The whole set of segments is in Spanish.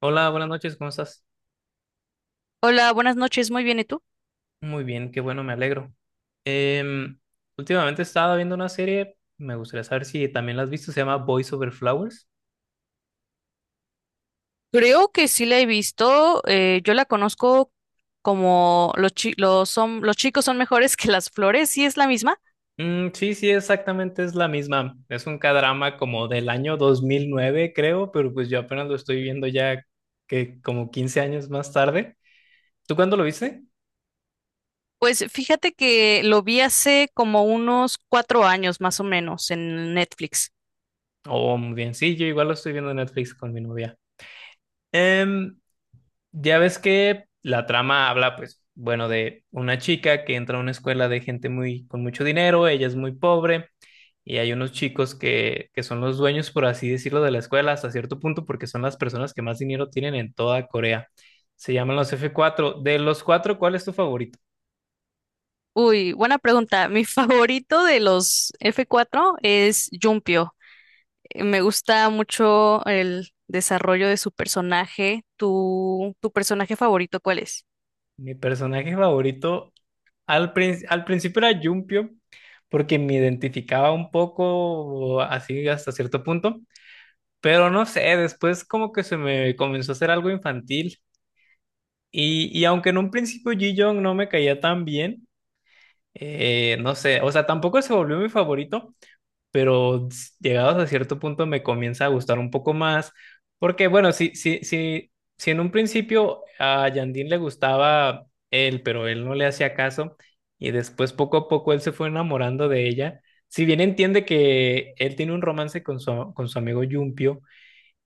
Hola, buenas noches, ¿cómo estás? Hola, buenas noches, muy bien, ¿y tú? Muy bien, qué bueno, me alegro. Em, últimamente estaba viendo una serie, me gustaría saber si también la has visto, se llama Boys Over Flowers. Creo que sí la he visto, yo la conozco como los chicos son mejores que las flores, ¿sí es la misma? Mm, sí, sí, exactamente es la misma. Es un k como del año 2009 creo, pero pues yo apenas lo estoy viendo ya que como 15 años más tarde. ¿Tú cuándo lo viste? Pues fíjate que lo vi hace como unos cuatro años más o menos en Netflix. Oh, muy bien, sí, yo igual lo estoy viendo en Netflix con mi novia. Em, Ya ves que la trama habla, pues, bueno, de una chica que entra a una escuela de gente muy con mucho dinero, ella es muy pobre, y hay unos chicos que son los dueños, por así decirlo, de la escuela hasta cierto punto, porque son las personas que más dinero tienen en toda Corea. Se llaman los F4. De los cuatro, ¿cuál es tu favorito? Uy, buena pregunta. Mi favorito de los f cuatro es Jumpio. Me gusta mucho el desarrollo de su personaje. ¿Tu personaje favorito cuál es? Mi personaje favorito al principio era Jumpio, porque me identificaba un poco así hasta cierto punto. Pero no sé, después como que se me comenzó a hacer algo infantil. Y aunque en un principio Ji Young no me caía tan bien, no sé, o sea, tampoco se volvió mi favorito, pero llegados a cierto punto me comienza a gustar un poco más. Porque bueno, si en un principio a Yandín le gustaba él, pero él no le hacía caso, y después poco a poco él se fue enamorando de ella. Si bien entiende que él tiene un romance con su amigo Yumpio,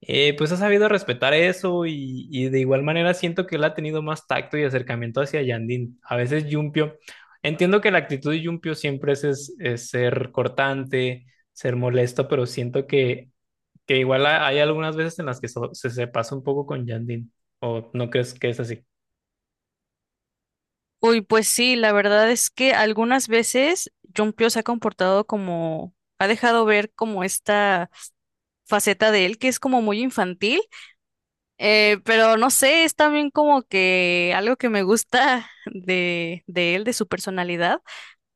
pues ha sabido respetar eso y de igual manera siento que él ha tenido más tacto y acercamiento hacia Yandín. A veces Yumpio, entiendo que la actitud de Yumpio siempre es ser cortante, ser molesto, pero siento que igual hay algunas veces en las que se pasa un poco con Yandín. ¿O no crees que es así? Uy, pues sí, la verdad es que algunas veces Jumpio se ha comportado como, ha dejado ver como esta faceta de él que es como muy infantil, pero no sé, es también como que algo que me gusta de él, de su personalidad,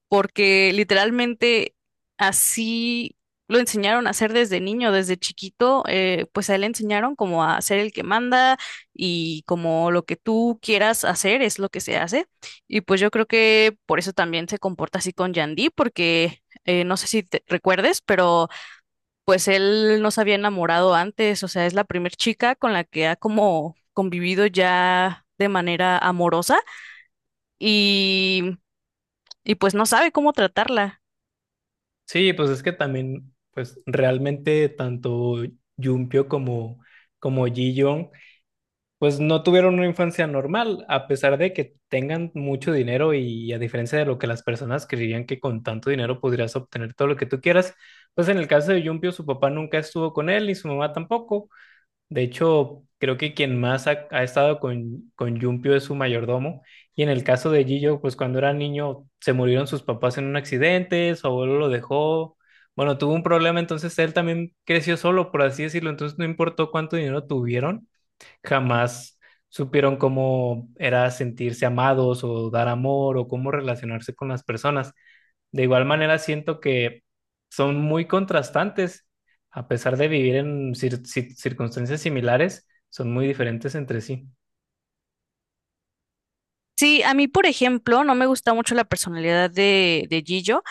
porque literalmente así lo enseñaron a hacer desde niño, desde chiquito, pues a él le enseñaron como a ser el que manda y como lo que tú quieras hacer es lo que se hace. Y pues yo creo que por eso también se comporta así con Yandy, porque no sé si te recuerdes, pero pues él no se había enamorado antes, o sea, es la primer chica con la que ha como convivido ya de manera amorosa y, y pues no sabe cómo tratarla. Sí, pues es que también, pues realmente tanto Yumpio como, como Ji pues no tuvieron una infancia normal, a pesar de que tengan mucho dinero y a diferencia de lo que las personas creerían que con tanto dinero podrías obtener todo lo que tú quieras, pues en el caso de Yumpio su papá nunca estuvo con él ni su mamá tampoco. De hecho, creo que quien más ha estado con Yumpio es su mayordomo. Y en el caso de Gillo, pues cuando era niño se murieron sus papás en un accidente, su abuelo lo dejó. Bueno, tuvo un problema, entonces él también creció solo, por así decirlo. Entonces no importó cuánto dinero tuvieron, jamás supieron cómo era sentirse amados o dar amor o cómo relacionarse con las personas. De igual manera, siento que son muy contrastantes, a pesar de vivir en circunstancias similares, son muy diferentes entre sí. Sí, a mí, por ejemplo, no me gusta mucho la personalidad de Gillo,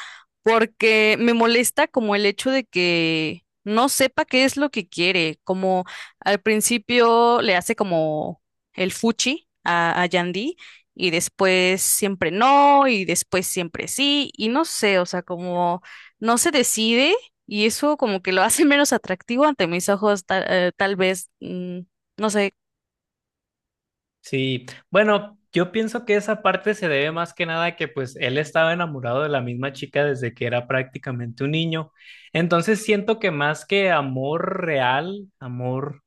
porque me molesta como el hecho de que no sepa qué es lo que quiere, como al principio le hace como el fuchi a Yandy y después siempre no y después siempre sí y no sé, o sea, como no se decide y eso como que lo hace menos atractivo ante mis ojos, tal vez, no sé. Sí, bueno, yo pienso que esa parte se debe más que nada a que pues él estaba enamorado de la misma chica desde que era prácticamente un niño. Entonces siento que más que amor real, amor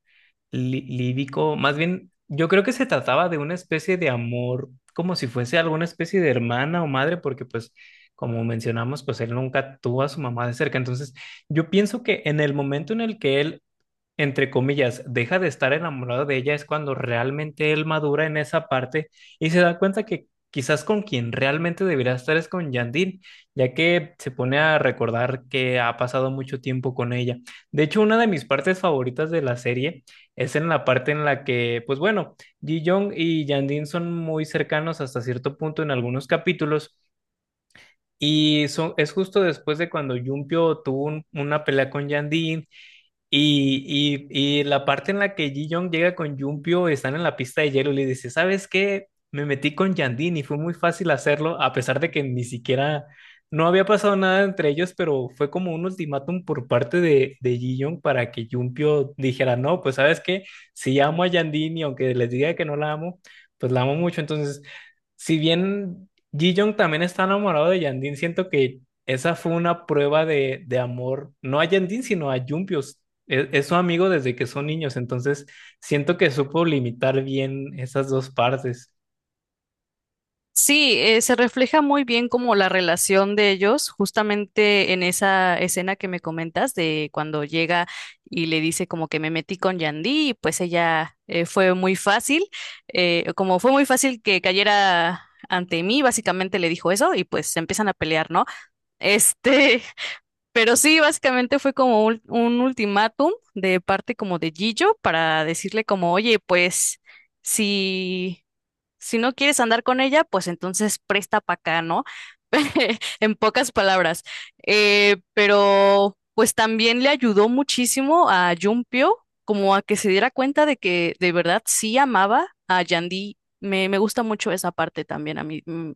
lírico, más bien, yo creo que se trataba de una especie de amor, como si fuese alguna especie de hermana o madre, porque pues, como mencionamos, pues él nunca tuvo a su mamá de cerca. Entonces, yo pienso que en el momento en el que él, entre comillas, deja de estar enamorado de ella es cuando realmente él madura en esa parte y se da cuenta que quizás con quien realmente debería estar es con Yandine, ya que se pone a recordar que ha pasado mucho tiempo con ella. De hecho, una de mis partes favoritas de la serie es en la parte en la que, pues bueno, Ji Young y Yandine son muy cercanos hasta cierto punto en algunos capítulos. Y son, es justo después de cuando Jumpio tuvo una pelea con Yandine, y la parte en la que Ji Young llega con Jumpio, están en la pista de hielo y le dice, ¿sabes qué? Me metí con Yandine y fue muy fácil hacerlo, a pesar de que ni siquiera, no había pasado nada entre ellos, pero fue como un ultimátum por parte de Ji Young para que Jumpio dijera, no, pues ¿sabes qué? Si amo a Yandine y aunque les diga que no la amo, pues la amo mucho. Entonces, si bien Ji Young también está enamorado de Yandine, siento que esa fue una prueba de amor, no a Yandine, sino a Jumpio. Es su amigo desde que son niños, entonces siento que supo limitar bien esas dos partes. Sí, se refleja muy bien como la relación de ellos, justamente en esa escena que me comentas de cuando llega y le dice como que me metí con Yandy, y pues ella fue muy fácil, como fue muy fácil que cayera ante mí, básicamente le dijo eso y pues se empiezan a pelear, ¿no? Este, pero sí, básicamente fue como un ultimátum de parte como de Gillo para decirle como, oye, pues... Si si no quieres andar con ella, pues entonces presta para acá, ¿no? En pocas palabras. Pero pues también le ayudó muchísimo a Jumpio como a que se diera cuenta de que de verdad sí amaba a Yandy. Me gusta mucho esa parte también, a mí, mm,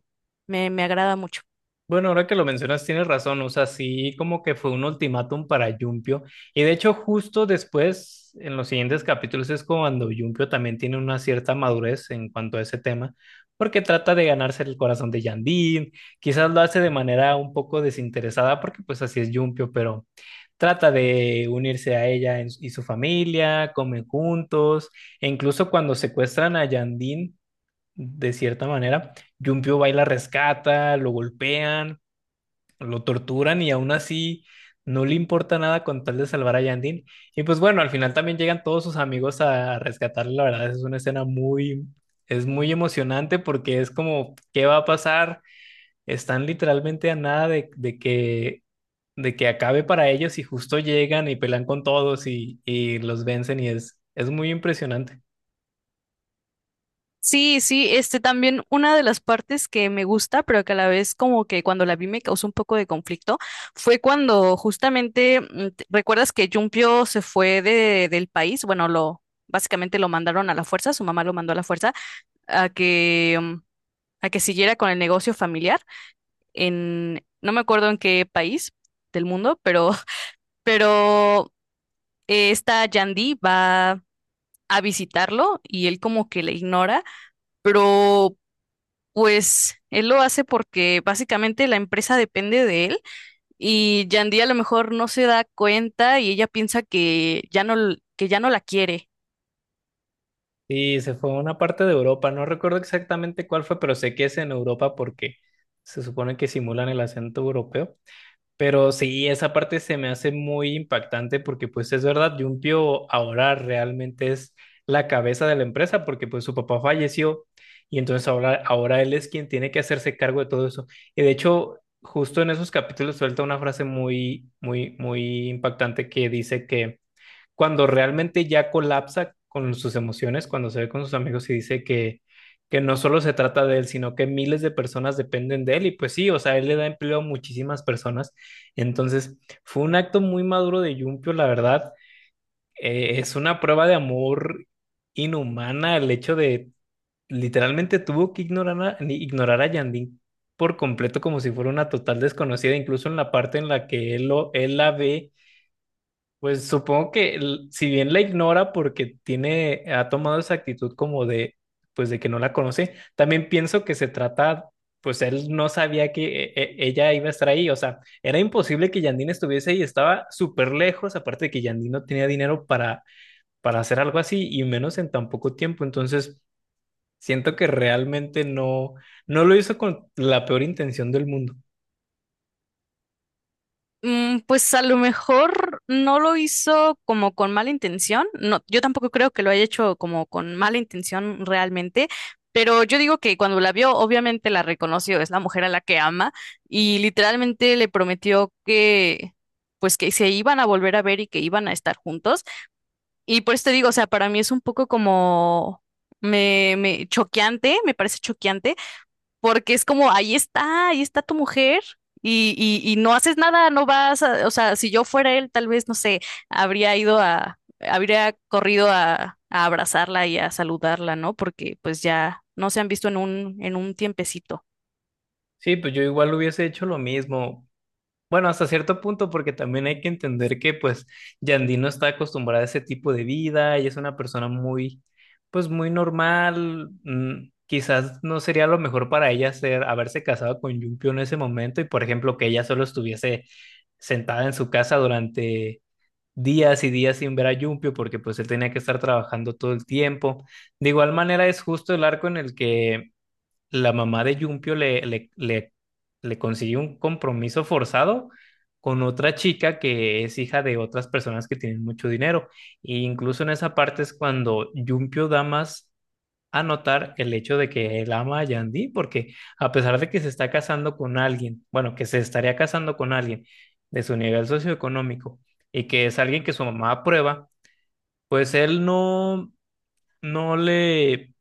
me, me agrada mucho. Bueno, ahora que lo mencionas, tienes razón. O sea, sí, como que fue un ultimátum para Yumpio. Y de hecho, justo después, en los siguientes capítulos, es cuando Yumpio también tiene una cierta madurez en cuanto a ese tema, porque trata de ganarse el corazón de Yandín. Quizás lo hace de manera un poco desinteresada, porque pues así es Yumpio, pero trata de unirse a ella y su familia, comen juntos, e incluso cuando secuestran a Yandín, de cierta manera. Yumpio va y la rescata, lo golpean, lo torturan y aún así no le importa nada con tal de salvar a Yandin. Y pues bueno, al final también llegan todos sus amigos a rescatarle. La verdad es una escena muy, es muy emocionante porque es como, ¿qué va a pasar? Están literalmente a nada de, de que acabe para ellos y justo llegan y pelean con todos y los vencen y es muy impresionante. Sí, sí, este también una de las partes que me gusta, pero que a la vez como que cuando la vi me causó un poco de conflicto, fue cuando justamente, ¿recuerdas que Jumpio se fue del país? Bueno, lo básicamente lo mandaron a la fuerza, su mamá lo mandó a la fuerza a que a que siguiera con el negocio familiar en no me acuerdo en qué país del mundo, pero pero esta Yandy va a visitarlo y él como que le ignora, pero pues él lo hace porque básicamente la empresa depende de él y Yandy a lo mejor no se da cuenta y ella piensa que ya no, que ya no la quiere. Y se fue a una parte de Europa, no recuerdo exactamente cuál fue, pero sé que es en Europa porque se supone que simulan el acento europeo. Pero sí, esa parte se me hace muy impactante porque pues es verdad, Jumpio ahora realmente es la cabeza de la empresa porque pues su papá falleció y entonces ahora, ahora él es quien tiene que hacerse cargo de todo eso. Y de hecho, justo en esos capítulos suelta una frase muy, muy, muy impactante que dice que cuando realmente ya colapsa con sus emociones, cuando se ve con sus amigos y dice que no solo se trata de él, sino que miles de personas dependen de él. Y pues sí, o sea, él le da empleo a muchísimas personas. Entonces, fue un acto muy maduro de Yumpio, la verdad. Es una prueba de amor inhumana. El hecho de literalmente tuvo que ignorar a Yandín por completo como si fuera una total desconocida, incluso en la parte en la que él, lo, él la ve, pues supongo que si bien la ignora porque tiene, ha tomado esa actitud como de, pues de que no la conoce, también pienso que se trata, pues él no sabía que ella iba a estar ahí, o sea, era imposible que Yandine estuviese ahí, estaba súper lejos, aparte de que Yandine no tenía dinero para hacer algo así y menos en tan poco tiempo, entonces siento que realmente no, no lo hizo con la peor intención del mundo. Pues a lo mejor no lo hizo como con mala intención. No, yo tampoco creo que lo haya hecho como con mala intención realmente, pero yo digo que cuando la vio, obviamente la reconoció, es la mujer a la que ama y literalmente le prometió que pues que se iban a volver a ver y que iban a estar juntos. Y por eso te digo, o sea, para mí es un poco como, me choqueante, me parece choqueante, porque es como, ahí está tu mujer. Y no haces nada, no vas a- o sea, si yo fuera él, tal vez, no sé, habría ido a, habría corrido a abrazarla y a saludarla, ¿no? Porque pues ya no se han visto en en un tiempecito. Sí, pues yo igual hubiese hecho lo mismo. Bueno, hasta cierto punto, porque también hay que entender que pues Yandy no está acostumbrada a ese tipo de vida, ella es una persona muy, pues muy normal, quizás no sería lo mejor para ella ser, haberse casado con Yumpio en ese momento y por ejemplo que ella solo estuviese sentada en su casa durante días y días sin ver a Yumpio porque pues él tenía que estar trabajando todo el tiempo. De igual manera es justo el arco en el que la mamá de Yumpio le consiguió un compromiso forzado con otra chica que es hija de otras personas que tienen mucho dinero. E incluso en esa parte es cuando Yumpio da más a notar el hecho de que él ama a Yandy, porque a pesar de que se está casando con alguien, bueno, que se estaría casando con alguien de su nivel socioeconómico y que es alguien que su mamá aprueba, pues él no, no le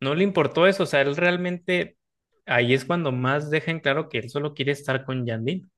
importó eso, o sea, él realmente ahí es cuando más dejan claro que él solo quiere estar con Yandine.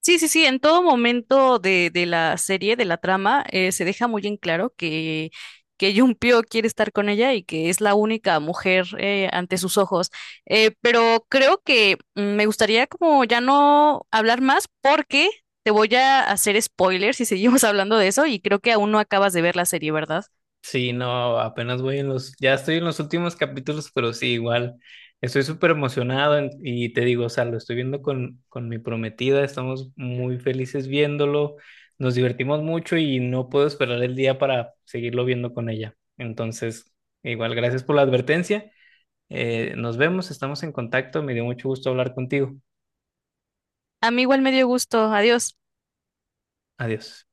Sí, sí, sí, en todo momento de la serie, de la trama, se deja muy en claro que Junpyo quiere estar con ella y que es la única mujer, ante sus ojos. Pero creo que me gustaría como ya no hablar más porque te voy a hacer spoilers si seguimos hablando de eso y creo que aún no acabas de ver la serie, ¿verdad? Sí, no, apenas voy en los, ya estoy en los últimos capítulos, pero sí, igual, estoy súper emocionado, y te digo, o sea, lo estoy viendo con mi prometida, estamos muy felices viéndolo, nos divertimos mucho y no puedo esperar el día para seguirlo viendo con ella. Entonces, igual, gracias por la advertencia. Nos vemos, estamos en contacto, me dio mucho gusto hablar contigo. A mí igual me dio gusto. Adiós. Adiós.